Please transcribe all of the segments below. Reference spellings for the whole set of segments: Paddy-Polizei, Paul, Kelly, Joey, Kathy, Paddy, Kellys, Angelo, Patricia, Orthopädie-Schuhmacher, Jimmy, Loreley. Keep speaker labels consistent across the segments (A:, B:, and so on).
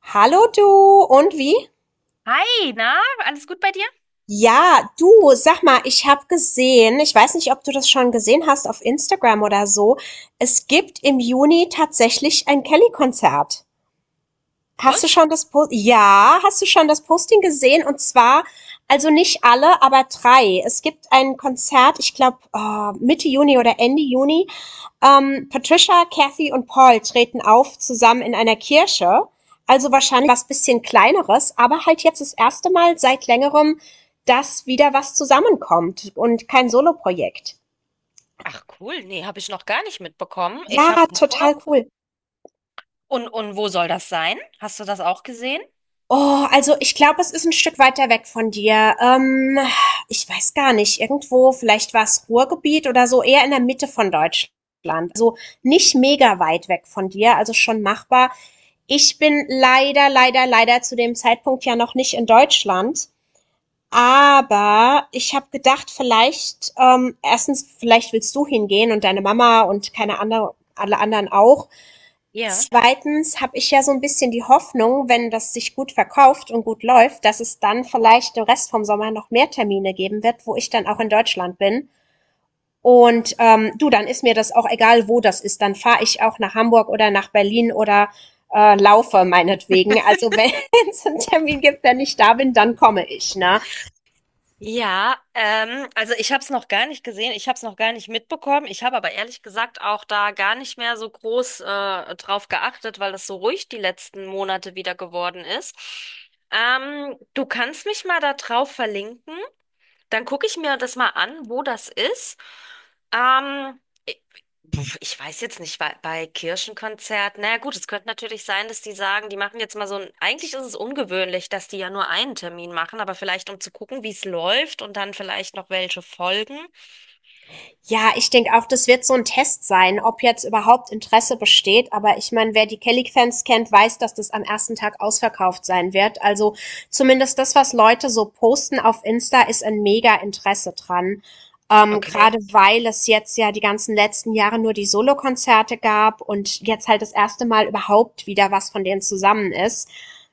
A: Hallo du, und wie?
B: Hi, na, alles gut bei dir?
A: Ja, du, sag mal, ich habe gesehen, ich weiß nicht, ob du das schon gesehen hast auf Instagram oder so, es gibt im Juni tatsächlich ein Kelly-Konzert. Hast du schon das Post ja, hast du schon das Posting gesehen? Und zwar, also nicht alle, aber drei. Es gibt ein Konzert, ich glaube Mitte Juni oder Ende Juni. Patricia, Kathy und Paul treten auf zusammen in einer Kirche. Also wahrscheinlich was bisschen kleineres, aber halt jetzt das erste Mal seit längerem, dass wieder was zusammenkommt und kein Soloprojekt.
B: Ach cool, nee, habe ich noch gar nicht mitbekommen. Ich habe
A: Ja,
B: nur.
A: total cool.
B: Und wo soll das sein? Hast du das auch gesehen?
A: Oh, also ich glaube, es ist ein Stück weiter weg von dir. Ich weiß gar nicht, irgendwo, vielleicht war's Ruhrgebiet oder so, eher in der Mitte von Deutschland. Also nicht mega weit weg von dir, also schon machbar. Ich bin leider, leider, leider zu dem Zeitpunkt ja noch nicht in Deutschland, aber ich habe gedacht, vielleicht, erstens, vielleicht willst du hingehen und deine Mama und keine andere alle anderen auch.
B: Ja.
A: Zweitens habe ich ja so ein bisschen die Hoffnung, wenn das sich gut verkauft und gut läuft, dass es dann vielleicht den Rest vom Sommer noch mehr Termine geben wird, wo ich dann auch in Deutschland bin. Und, du, dann ist mir das auch egal, wo das ist. Dann fahre ich auch nach Hamburg oder nach Berlin oder, laufe meinetwegen. Also, wenn es 'n Termin gibt, wenn ich da bin, dann komme ich, ne?
B: Ja, also ich habe es noch gar nicht gesehen, ich habe es noch gar nicht mitbekommen. Ich habe aber ehrlich gesagt auch da gar nicht mehr so groß drauf geachtet, weil das so ruhig die letzten Monate wieder geworden ist. Du kannst mich mal da drauf verlinken. Dann gucke ich mir das mal an, wo das ist. Ähm, ich, ich weiß jetzt nicht, bei Kirchenkonzert, naja gut, es könnte natürlich sein, dass die sagen, die machen jetzt mal so ein, eigentlich ist es ungewöhnlich, dass die ja nur einen Termin machen, aber vielleicht um zu gucken, wie es läuft und dann vielleicht noch welche folgen.
A: Ja, ich denke auch, das wird so ein Test sein, ob jetzt überhaupt Interesse besteht. Aber ich meine, wer die Kelly-Fans kennt, weiß, dass das am ersten Tag ausverkauft sein wird. Also zumindest das, was Leute so posten auf Insta, ist ein Mega-Interesse dran.
B: Okay.
A: Grade weil es jetzt ja die ganzen letzten Jahre nur die Solokonzerte gab und jetzt halt das erste Mal überhaupt wieder was von denen zusammen ist.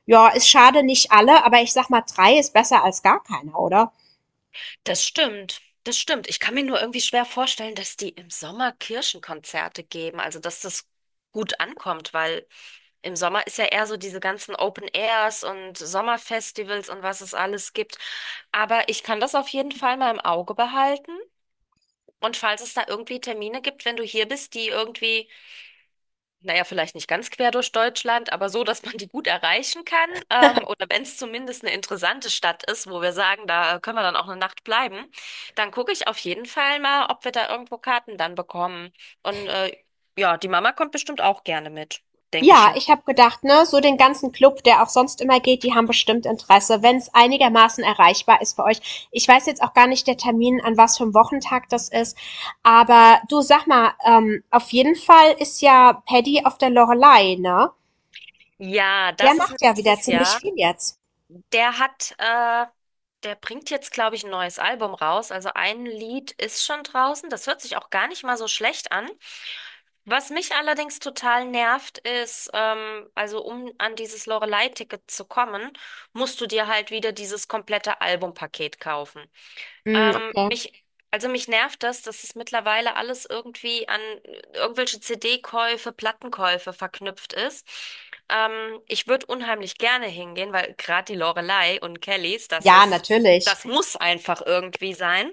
A: Ja, ist schade, nicht alle, aber ich sag mal, 3 ist besser als gar keiner, oder?
B: Das stimmt, das stimmt. Ich kann mir nur irgendwie schwer vorstellen, dass die im Sommer Kirchenkonzerte geben, also dass das gut ankommt, weil im Sommer ist ja eher so diese ganzen Open Airs und Sommerfestivals und was es alles gibt. Aber ich kann das auf jeden Fall mal im Auge behalten. Und falls es da irgendwie Termine gibt, wenn du hier bist, die irgendwie naja, vielleicht nicht ganz quer durch Deutschland, aber so, dass man die gut erreichen kann. Oder wenn es zumindest eine interessante Stadt ist, wo wir sagen, da können wir dann auch eine Nacht bleiben, dann gucke ich auf jeden Fall mal, ob wir da irgendwo Karten dann bekommen. Und ja, die Mama kommt bestimmt auch gerne mit, denke ich
A: Ja,
B: jetzt.
A: ich habe gedacht, ne, so den ganzen Club, der auch sonst immer geht, die haben bestimmt Interesse, wenn es einigermaßen erreichbar ist für euch. Ich weiß jetzt auch gar nicht der Termin, an was für einem Wochentag das ist. Aber du sag mal, auf jeden Fall ist ja Paddy auf der Loreley, ne?
B: Ja,
A: Der
B: das ist
A: macht ja wieder
B: nächstes
A: ziemlich
B: Jahr.
A: viel jetzt.
B: Der hat, äh, der bringt jetzt, glaube ich, ein neues Album raus. Also ein Lied ist schon draußen. Das hört sich auch gar nicht mal so schlecht an. Was mich allerdings total nervt, ist, also um an dieses Loreley-Ticket zu kommen, musst du dir halt wieder dieses komplette Albumpaket kaufen.
A: Hm,
B: Ähm,
A: okay.
B: mich, also mich nervt das, dass es mittlerweile alles irgendwie an irgendwelche CD-Käufe, Plattenkäufe verknüpft ist. Ich würde unheimlich gerne hingehen, weil gerade die Loreley und Kellys, das
A: Ja,
B: ist,
A: natürlich.
B: das muss einfach irgendwie sein.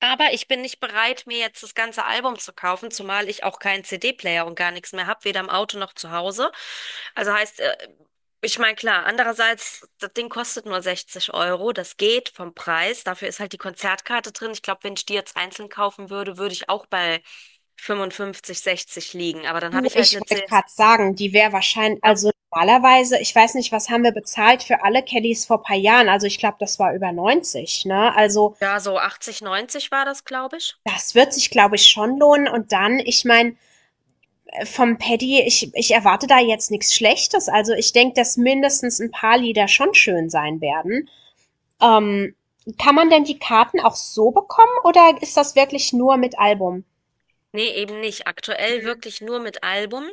B: Aber ich bin nicht bereit, mir jetzt das ganze Album zu kaufen, zumal ich auch keinen CD-Player und gar nichts mehr habe, weder im Auto noch zu Hause. Also heißt, ich meine, klar, andererseits, das Ding kostet nur 60 Euro, das geht vom Preis. Dafür ist halt die Konzertkarte drin. Ich glaube, wenn ich die jetzt einzeln kaufen würde, würde ich auch bei 55, 60 liegen. Aber dann habe
A: Du,
B: ich halt
A: ich
B: eine
A: wollte
B: 10,
A: gerade sagen, die wäre wahrscheinlich,
B: ne?
A: also normalerweise, ich weiß nicht, was haben wir bezahlt für alle Kellys vor paar Jahren? Also ich glaube, das war über 90, ne? Also
B: Ja, so 80, 90 war das, glaube ich.
A: das wird sich, glaube ich, schon lohnen. Und dann, ich meine, vom Paddy, ich erwarte da jetzt nichts Schlechtes. Also ich denke, dass mindestens ein paar Lieder schon schön sein werden. Ähm, kann man denn die Karten auch so bekommen oder ist das wirklich nur mit Album?
B: Nee, eben nicht. Aktuell wirklich nur mit Album.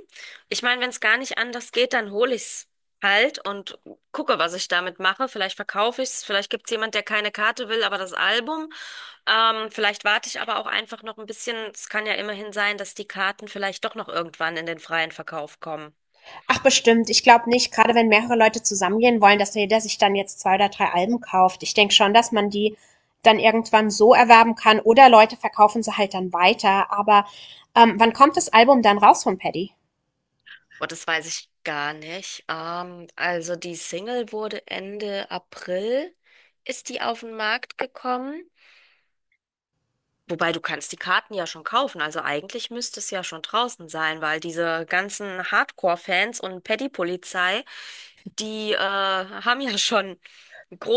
B: Ich meine, wenn es gar nicht anders geht, dann hole ich's halt und gucke, was ich damit mache. Vielleicht verkaufe ich's, vielleicht gibt's jemand, der keine Karte will, aber das Album. Vielleicht warte ich aber auch einfach noch ein bisschen. Es kann ja immerhin sein, dass die Karten vielleicht doch noch irgendwann in den freien Verkauf kommen.
A: Ach bestimmt, ich glaube nicht, gerade wenn mehrere Leute zusammengehen wollen, dass jeder sich dann jetzt zwei oder drei Alben kauft. Ich denke schon, dass man die dann irgendwann so erwerben kann oder Leute verkaufen sie halt dann weiter. Aber wann kommt das Album dann raus von Paddy?
B: Und das weiß ich gar nicht. Also die Single wurde Ende April, ist die auf den Markt gekommen. Wobei du kannst die Karten ja schon kaufen, also eigentlich müsste es ja schon draußen sein, weil diese ganzen Hardcore-Fans und Paddy-Polizei, die haben ja schon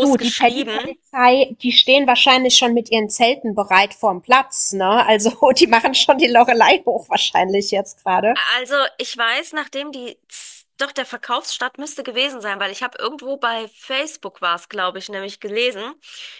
A: Du, die
B: geschrieben.
A: Paddy-Polizei, die stehen wahrscheinlich schon mit ihren Zelten bereit vorm Platz, ne? Also, die machen schon die Loreley hoch wahrscheinlich jetzt gerade.
B: Also ich weiß, nachdem doch der Verkaufsstart müsste gewesen sein, weil ich habe irgendwo bei Facebook war es, glaube ich, nämlich gelesen,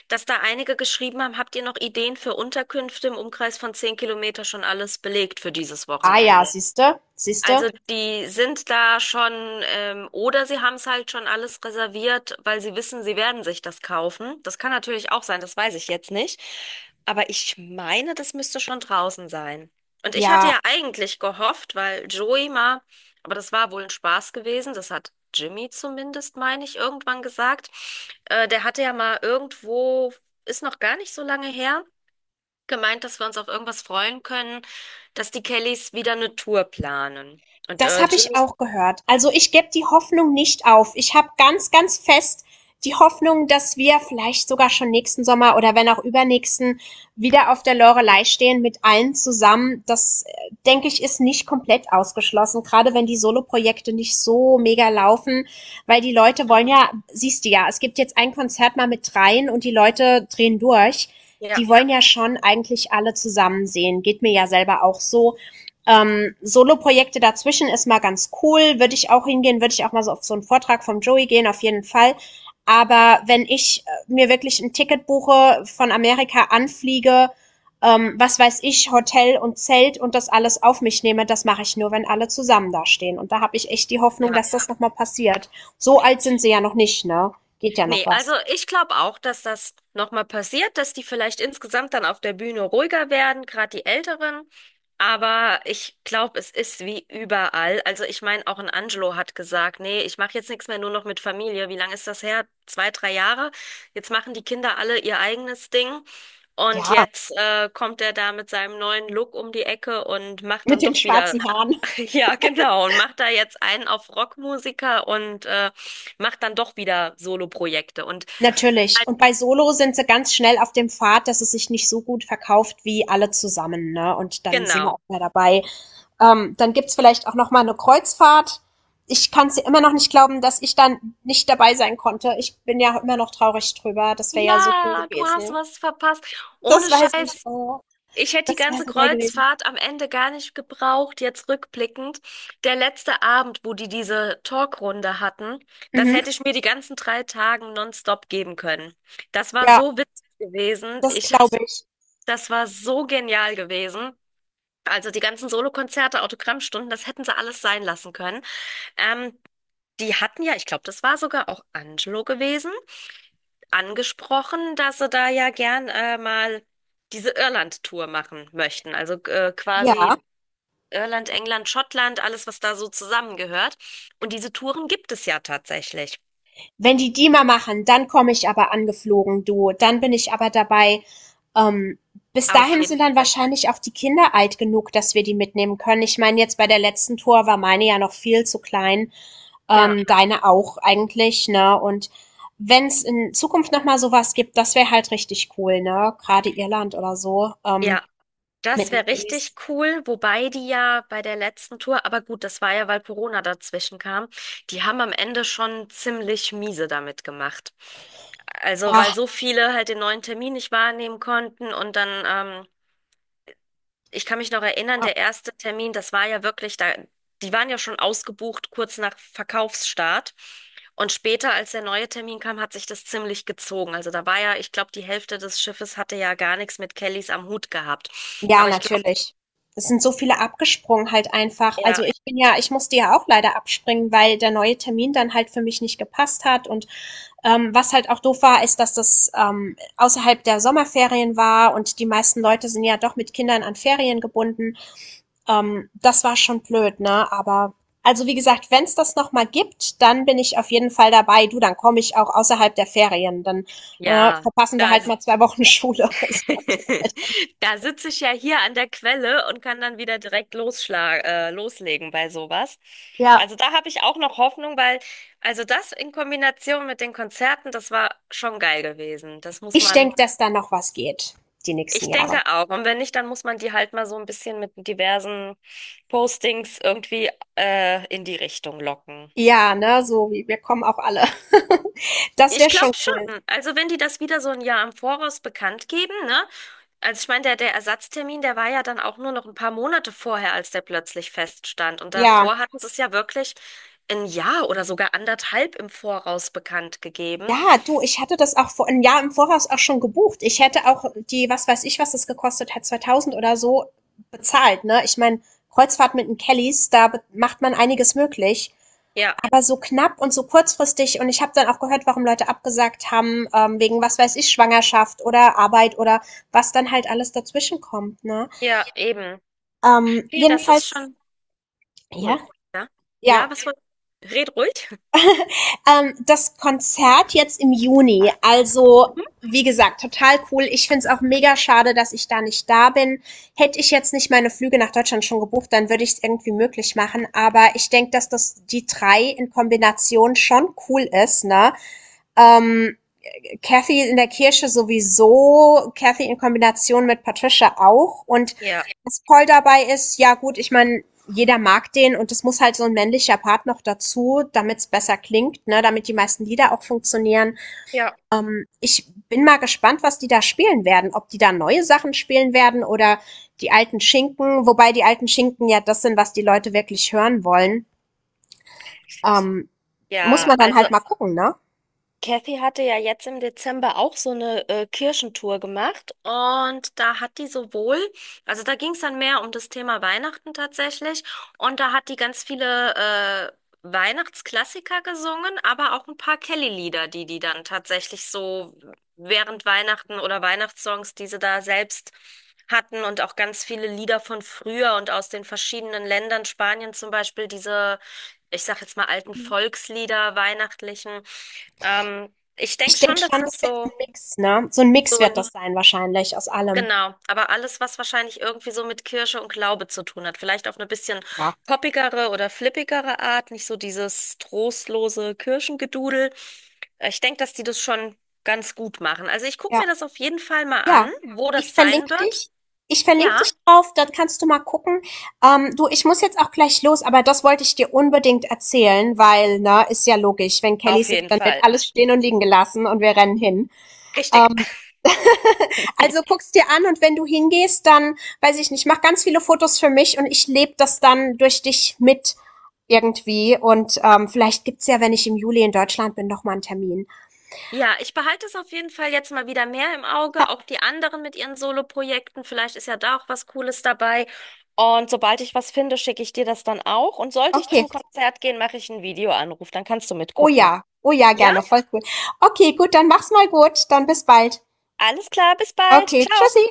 B: dass da einige geschrieben haben, habt ihr noch Ideen für Unterkünfte im Umkreis von 10 Kilometer schon alles belegt für dieses
A: Ah ja,
B: Wochenende?
A: siehste, siehste.
B: Also die sind da schon, oder sie haben es halt schon alles reserviert, weil sie wissen, sie werden sich das kaufen. Das kann natürlich auch sein, das weiß ich jetzt nicht. Aber ich meine, das müsste schon draußen sein. Und ich hatte
A: Ja,
B: ja eigentlich gehofft, weil Joey mal, aber das war wohl ein Spaß gewesen, das hat Jimmy zumindest, meine ich, irgendwann gesagt. Der hatte ja mal irgendwo, ist noch gar nicht so lange her, gemeint, dass wir uns auf irgendwas freuen können, dass die Kellys wieder eine Tour planen. Und
A: das
B: äh,
A: habe ich
B: Jimmy,
A: auch gehört. Also ich gebe die Hoffnung nicht auf. Ich habe ganz, ganz fest die Hoffnung, dass wir vielleicht sogar schon nächsten Sommer oder wenn auch übernächsten wieder auf der Loreley stehen mit allen zusammen. Das, denke ich, ist nicht komplett ausgeschlossen, gerade wenn die Soloprojekte nicht so mega laufen, weil die Leute wollen
B: mhm.
A: ja, siehst du ja, es gibt jetzt ein Konzert mal mit dreien und die Leute drehen durch.
B: Ja,
A: Die wollen ja schon eigentlich alle zusammen sehen. Geht mir ja selber auch so. Solo-Projekte dazwischen ist mal ganz cool, würde ich auch hingehen, würde ich auch mal so auf so einen Vortrag vom Joey gehen, auf jeden Fall. Aber wenn ich mir wirklich ein Ticket buche, von Amerika anfliege, was weiß ich, Hotel und Zelt und das alles auf mich nehme, das mache ich nur, wenn alle zusammen da stehen. Und da habe ich echt die Hoffnung,
B: ja.
A: dass das nochmal passiert. So alt sind sie ja noch nicht, ne? Geht ja noch
B: Nee,
A: was.
B: also ich glaube auch, dass das nochmal passiert, dass die vielleicht insgesamt dann auf der Bühne ruhiger werden, gerade die Älteren. Aber ich glaube, es ist wie überall. Also ich meine, auch ein Angelo hat gesagt, nee, ich mache jetzt nichts mehr, nur noch mit Familie. Wie lange ist das her? 2, 3 Jahre. Jetzt machen die Kinder alle ihr eigenes Ding. Und
A: Ja,
B: jetzt kommt er da mit seinem neuen Look um die Ecke und macht dann
A: mit den
B: doch wieder
A: schwarzen Haaren.
B: ja, genau. Und macht da jetzt einen auf Rockmusiker und macht dann doch wieder Soloprojekte. Und
A: Natürlich. Und bei Solo sind sie ganz schnell auf dem Pfad, dass es sich nicht so gut verkauft wie alle zusammen, ne? Und dann sind wir
B: genau.
A: auch mehr dabei. Dann gibt's vielleicht auch noch mal eine Kreuzfahrt. Ich kann's dir immer noch nicht glauben, dass ich dann nicht dabei sein konnte. Ich bin ja immer noch traurig drüber. Das wäre ja so cool
B: Ja, du hast
A: gewesen.
B: was verpasst.
A: Das
B: Ohne
A: weiß ich.
B: Scheiß.
A: Oh,
B: Ich hätte die
A: das wäre
B: ganze
A: so geil gewesen.
B: Kreuzfahrt am Ende gar nicht gebraucht, jetzt rückblickend. Der letzte Abend, wo die diese Talkrunde hatten, das
A: Mhm.
B: hätte ich mir die ganzen 3 Tagen nonstop geben können. Das war
A: Ja,
B: so witzig gewesen.
A: das
B: Ich hab,
A: glaube ich.
B: das war so genial gewesen. Also die ganzen Solokonzerte, Autogrammstunden, das hätten sie alles sein lassen können. Ähm, Die hatten ja, ich glaube, das war sogar auch Angelo gewesen, angesprochen, dass sie da ja gern mal diese Irland-Tour machen möchten. Also
A: Ja.
B: quasi Irland, England, Schottland, alles, was da so zusammengehört. Und diese Touren gibt es ja tatsächlich.
A: Wenn die die mal machen, dann komme ich aber angeflogen, du. Dann bin ich aber dabei. Ähm, bis
B: Auf
A: dahin
B: jeden
A: sind dann
B: Fall.
A: wahrscheinlich auch die Kinder alt genug, dass wir die mitnehmen können. Ich meine, jetzt bei der letzten Tour war meine ja noch viel zu klein,
B: Ja.
A: deine auch eigentlich, ne? Und wenn es in Zukunft nochmal sowas gibt, das wäre halt richtig cool, ne? Gerade Irland oder so,
B: Ja,
A: mit
B: das
A: den
B: wäre richtig
A: Kellys.
B: cool, wobei die ja bei der letzten Tour, aber gut, das war ja, weil Corona dazwischen kam, die haben am Ende schon ziemlich miese damit gemacht. Also, weil so viele halt den neuen Termin nicht wahrnehmen konnten und dann, ähm, ich kann mich noch erinnern,
A: Ja,
B: der erste Termin, das war ja wirklich da, die waren ja schon ausgebucht kurz nach Verkaufsstart. Und später, als der neue Termin kam, hat sich das ziemlich gezogen. Also da war ja, ich glaube, die Hälfte des Schiffes hatte ja gar nichts mit Kellys am Hut gehabt.
A: ja,
B: Aber ich glaube,
A: natürlich. Es sind so viele abgesprungen halt einfach. Also ich musste ja auch leider abspringen, weil der neue Termin dann halt für mich nicht gepasst hat. Und was halt auch doof war, ist, dass das außerhalb der Sommerferien war und die meisten Leute sind ja doch mit Kindern an Ferien gebunden. Das war schon blöd, ne? Aber also wie gesagt, wenn es das noch mal gibt, dann bin ich auf jeden Fall dabei. Du, dann komme ich auch außerhalb der Ferien. Dann
B: ja,
A: verpassen wir
B: da,
A: halt
B: s-
A: mal 2 Wochen Schule. Ist mir auch egal.
B: da sitze ich ja hier an der Quelle und kann dann wieder direkt loslegen bei sowas.
A: Ja,
B: Also da habe ich auch noch Hoffnung, weil, also das in Kombination mit den Konzerten, das war schon geil gewesen. Das muss
A: ich
B: man,
A: denke, dass da noch was geht, die nächsten
B: ich denke
A: Jahre.
B: auch. Und wenn nicht, dann muss man die halt mal so ein bisschen mit diversen Postings irgendwie, in die Richtung locken.
A: Ja, ne, so wie wir kommen auch alle. Das
B: Ich
A: wäre
B: glaube
A: schon cool.
B: schon. Also wenn die das wieder so ein Jahr im Voraus bekannt geben, ne? Also ich meine, der Ersatztermin, der war ja dann auch nur noch ein paar Monate vorher, als der plötzlich feststand. Und
A: Ja.
B: davor hatten sie es ja wirklich ein Jahr oder sogar anderthalb im Voraus bekannt gegeben.
A: Ja, du, ich hatte das auch vor ein Jahr im Voraus auch schon gebucht. Ich hätte auch die was weiß ich, was das gekostet hat, 2000 oder so, bezahlt, ne? Ich meine, Kreuzfahrt mit den Kellys, da be macht man einiges möglich.
B: Ja,
A: Aber so knapp und so kurzfristig und ich habe dann auch gehört, warum Leute abgesagt haben, wegen, was weiß ich, Schwangerschaft oder Arbeit oder was dann halt alles dazwischen kommt, ne?
B: ja, eben. Nee, das ist
A: Jedenfalls.
B: schon cool.
A: Ja,
B: Ja, ja,
A: ja.
B: was war? Red ruhig.
A: Das Konzert jetzt im Juni, also
B: Mhm.
A: wie gesagt, total cool. Ich find's auch mega schade, dass ich da nicht da bin. Hätte ich jetzt nicht meine Flüge nach Deutschland schon gebucht, dann würde ich es irgendwie möglich machen. Aber ich denk, dass das die drei in Kombination schon cool ist, ne? Ähm, Kathy in der Kirche sowieso, Kathy in Kombination mit Patricia auch. Und
B: Ja,
A: das Toll dabei ist, ja gut, ich meine, jeder mag den und es muss halt so ein männlicher Part noch dazu, damit es besser klingt, ne, damit die meisten Lieder auch funktionieren.
B: ja.
A: Ich bin mal gespannt, was die da spielen werden, ob die da neue Sachen spielen werden oder die alten Schinken, wobei die alten Schinken ja das sind, was die Leute wirklich hören wollen. Ähm, muss
B: Ja,
A: man dann
B: also.
A: halt mal gucken, ne?
B: Kathy hatte ja jetzt im Dezember auch so eine Kirchentour gemacht und da hat die sowohl, also da ging es dann mehr um das Thema Weihnachten tatsächlich und da hat die ganz viele Weihnachtsklassiker gesungen, aber auch ein paar Kelly-Lieder, die die dann tatsächlich so während Weihnachten oder Weihnachtssongs, die sie da selbst hatten und auch ganz viele Lieder von früher und aus den verschiedenen Ländern, Spanien zum Beispiel, diese, ich sag jetzt mal alten
A: Mhm.
B: Volkslieder, weihnachtlichen. Ich denke
A: Ich
B: schon,
A: denke
B: dass
A: schon,
B: das
A: das wird ein
B: so,
A: Mix, ne? So ein Mix
B: so ein,
A: wird das sein wahrscheinlich aus allem.
B: genau, aber alles, was wahrscheinlich irgendwie so mit Kirche und Glaube zu tun hat. Vielleicht auf eine bisschen
A: Ja.
B: poppigere oder flippigere Art, nicht so dieses trostlose Kirchengedudel. Ich denke, dass die das schon ganz gut machen. Also ich gucke mir
A: Ja.
B: das auf jeden Fall mal
A: Ja,
B: an, wo
A: ich
B: das sein
A: verlinke
B: wird.
A: dich. Ich verlinke
B: Ja,
A: dich drauf, dann kannst du mal gucken. Du, ich muss jetzt auch gleich los, aber das wollte ich dir unbedingt erzählen, weil, ne, ist ja logisch, wenn
B: auf
A: Kellys sind,
B: jeden
A: dann wird
B: Fall.
A: alles stehen und liegen gelassen und wir rennen hin.
B: Richtig.
A: Ähm, also guck's dir an und wenn du hingehst, dann, weiß ich nicht, mach ganz viele Fotos für mich und ich lebe das dann durch dich mit irgendwie und vielleicht gibt's ja, wenn ich im Juli in Deutschland bin, noch mal einen Termin.
B: Ja, ich behalte es auf jeden Fall jetzt mal wieder mehr im Auge,
A: Ja,
B: auch die anderen mit ihren Solo-Projekten. Vielleicht ist ja da auch was Cooles dabei. Und sobald ich was finde, schicke ich dir das dann auch. Und sollte ich
A: okay.
B: zum Konzert gehen, mache ich einen Videoanruf. Dann kannst du
A: Oh
B: mitgucken.
A: ja, oh ja,
B: Ja?
A: gerne, voll cool. Okay, gut, dann mach's mal gut, dann bis bald.
B: Alles klar, bis bald.
A: Okay,
B: Ciao.
A: tschüssi.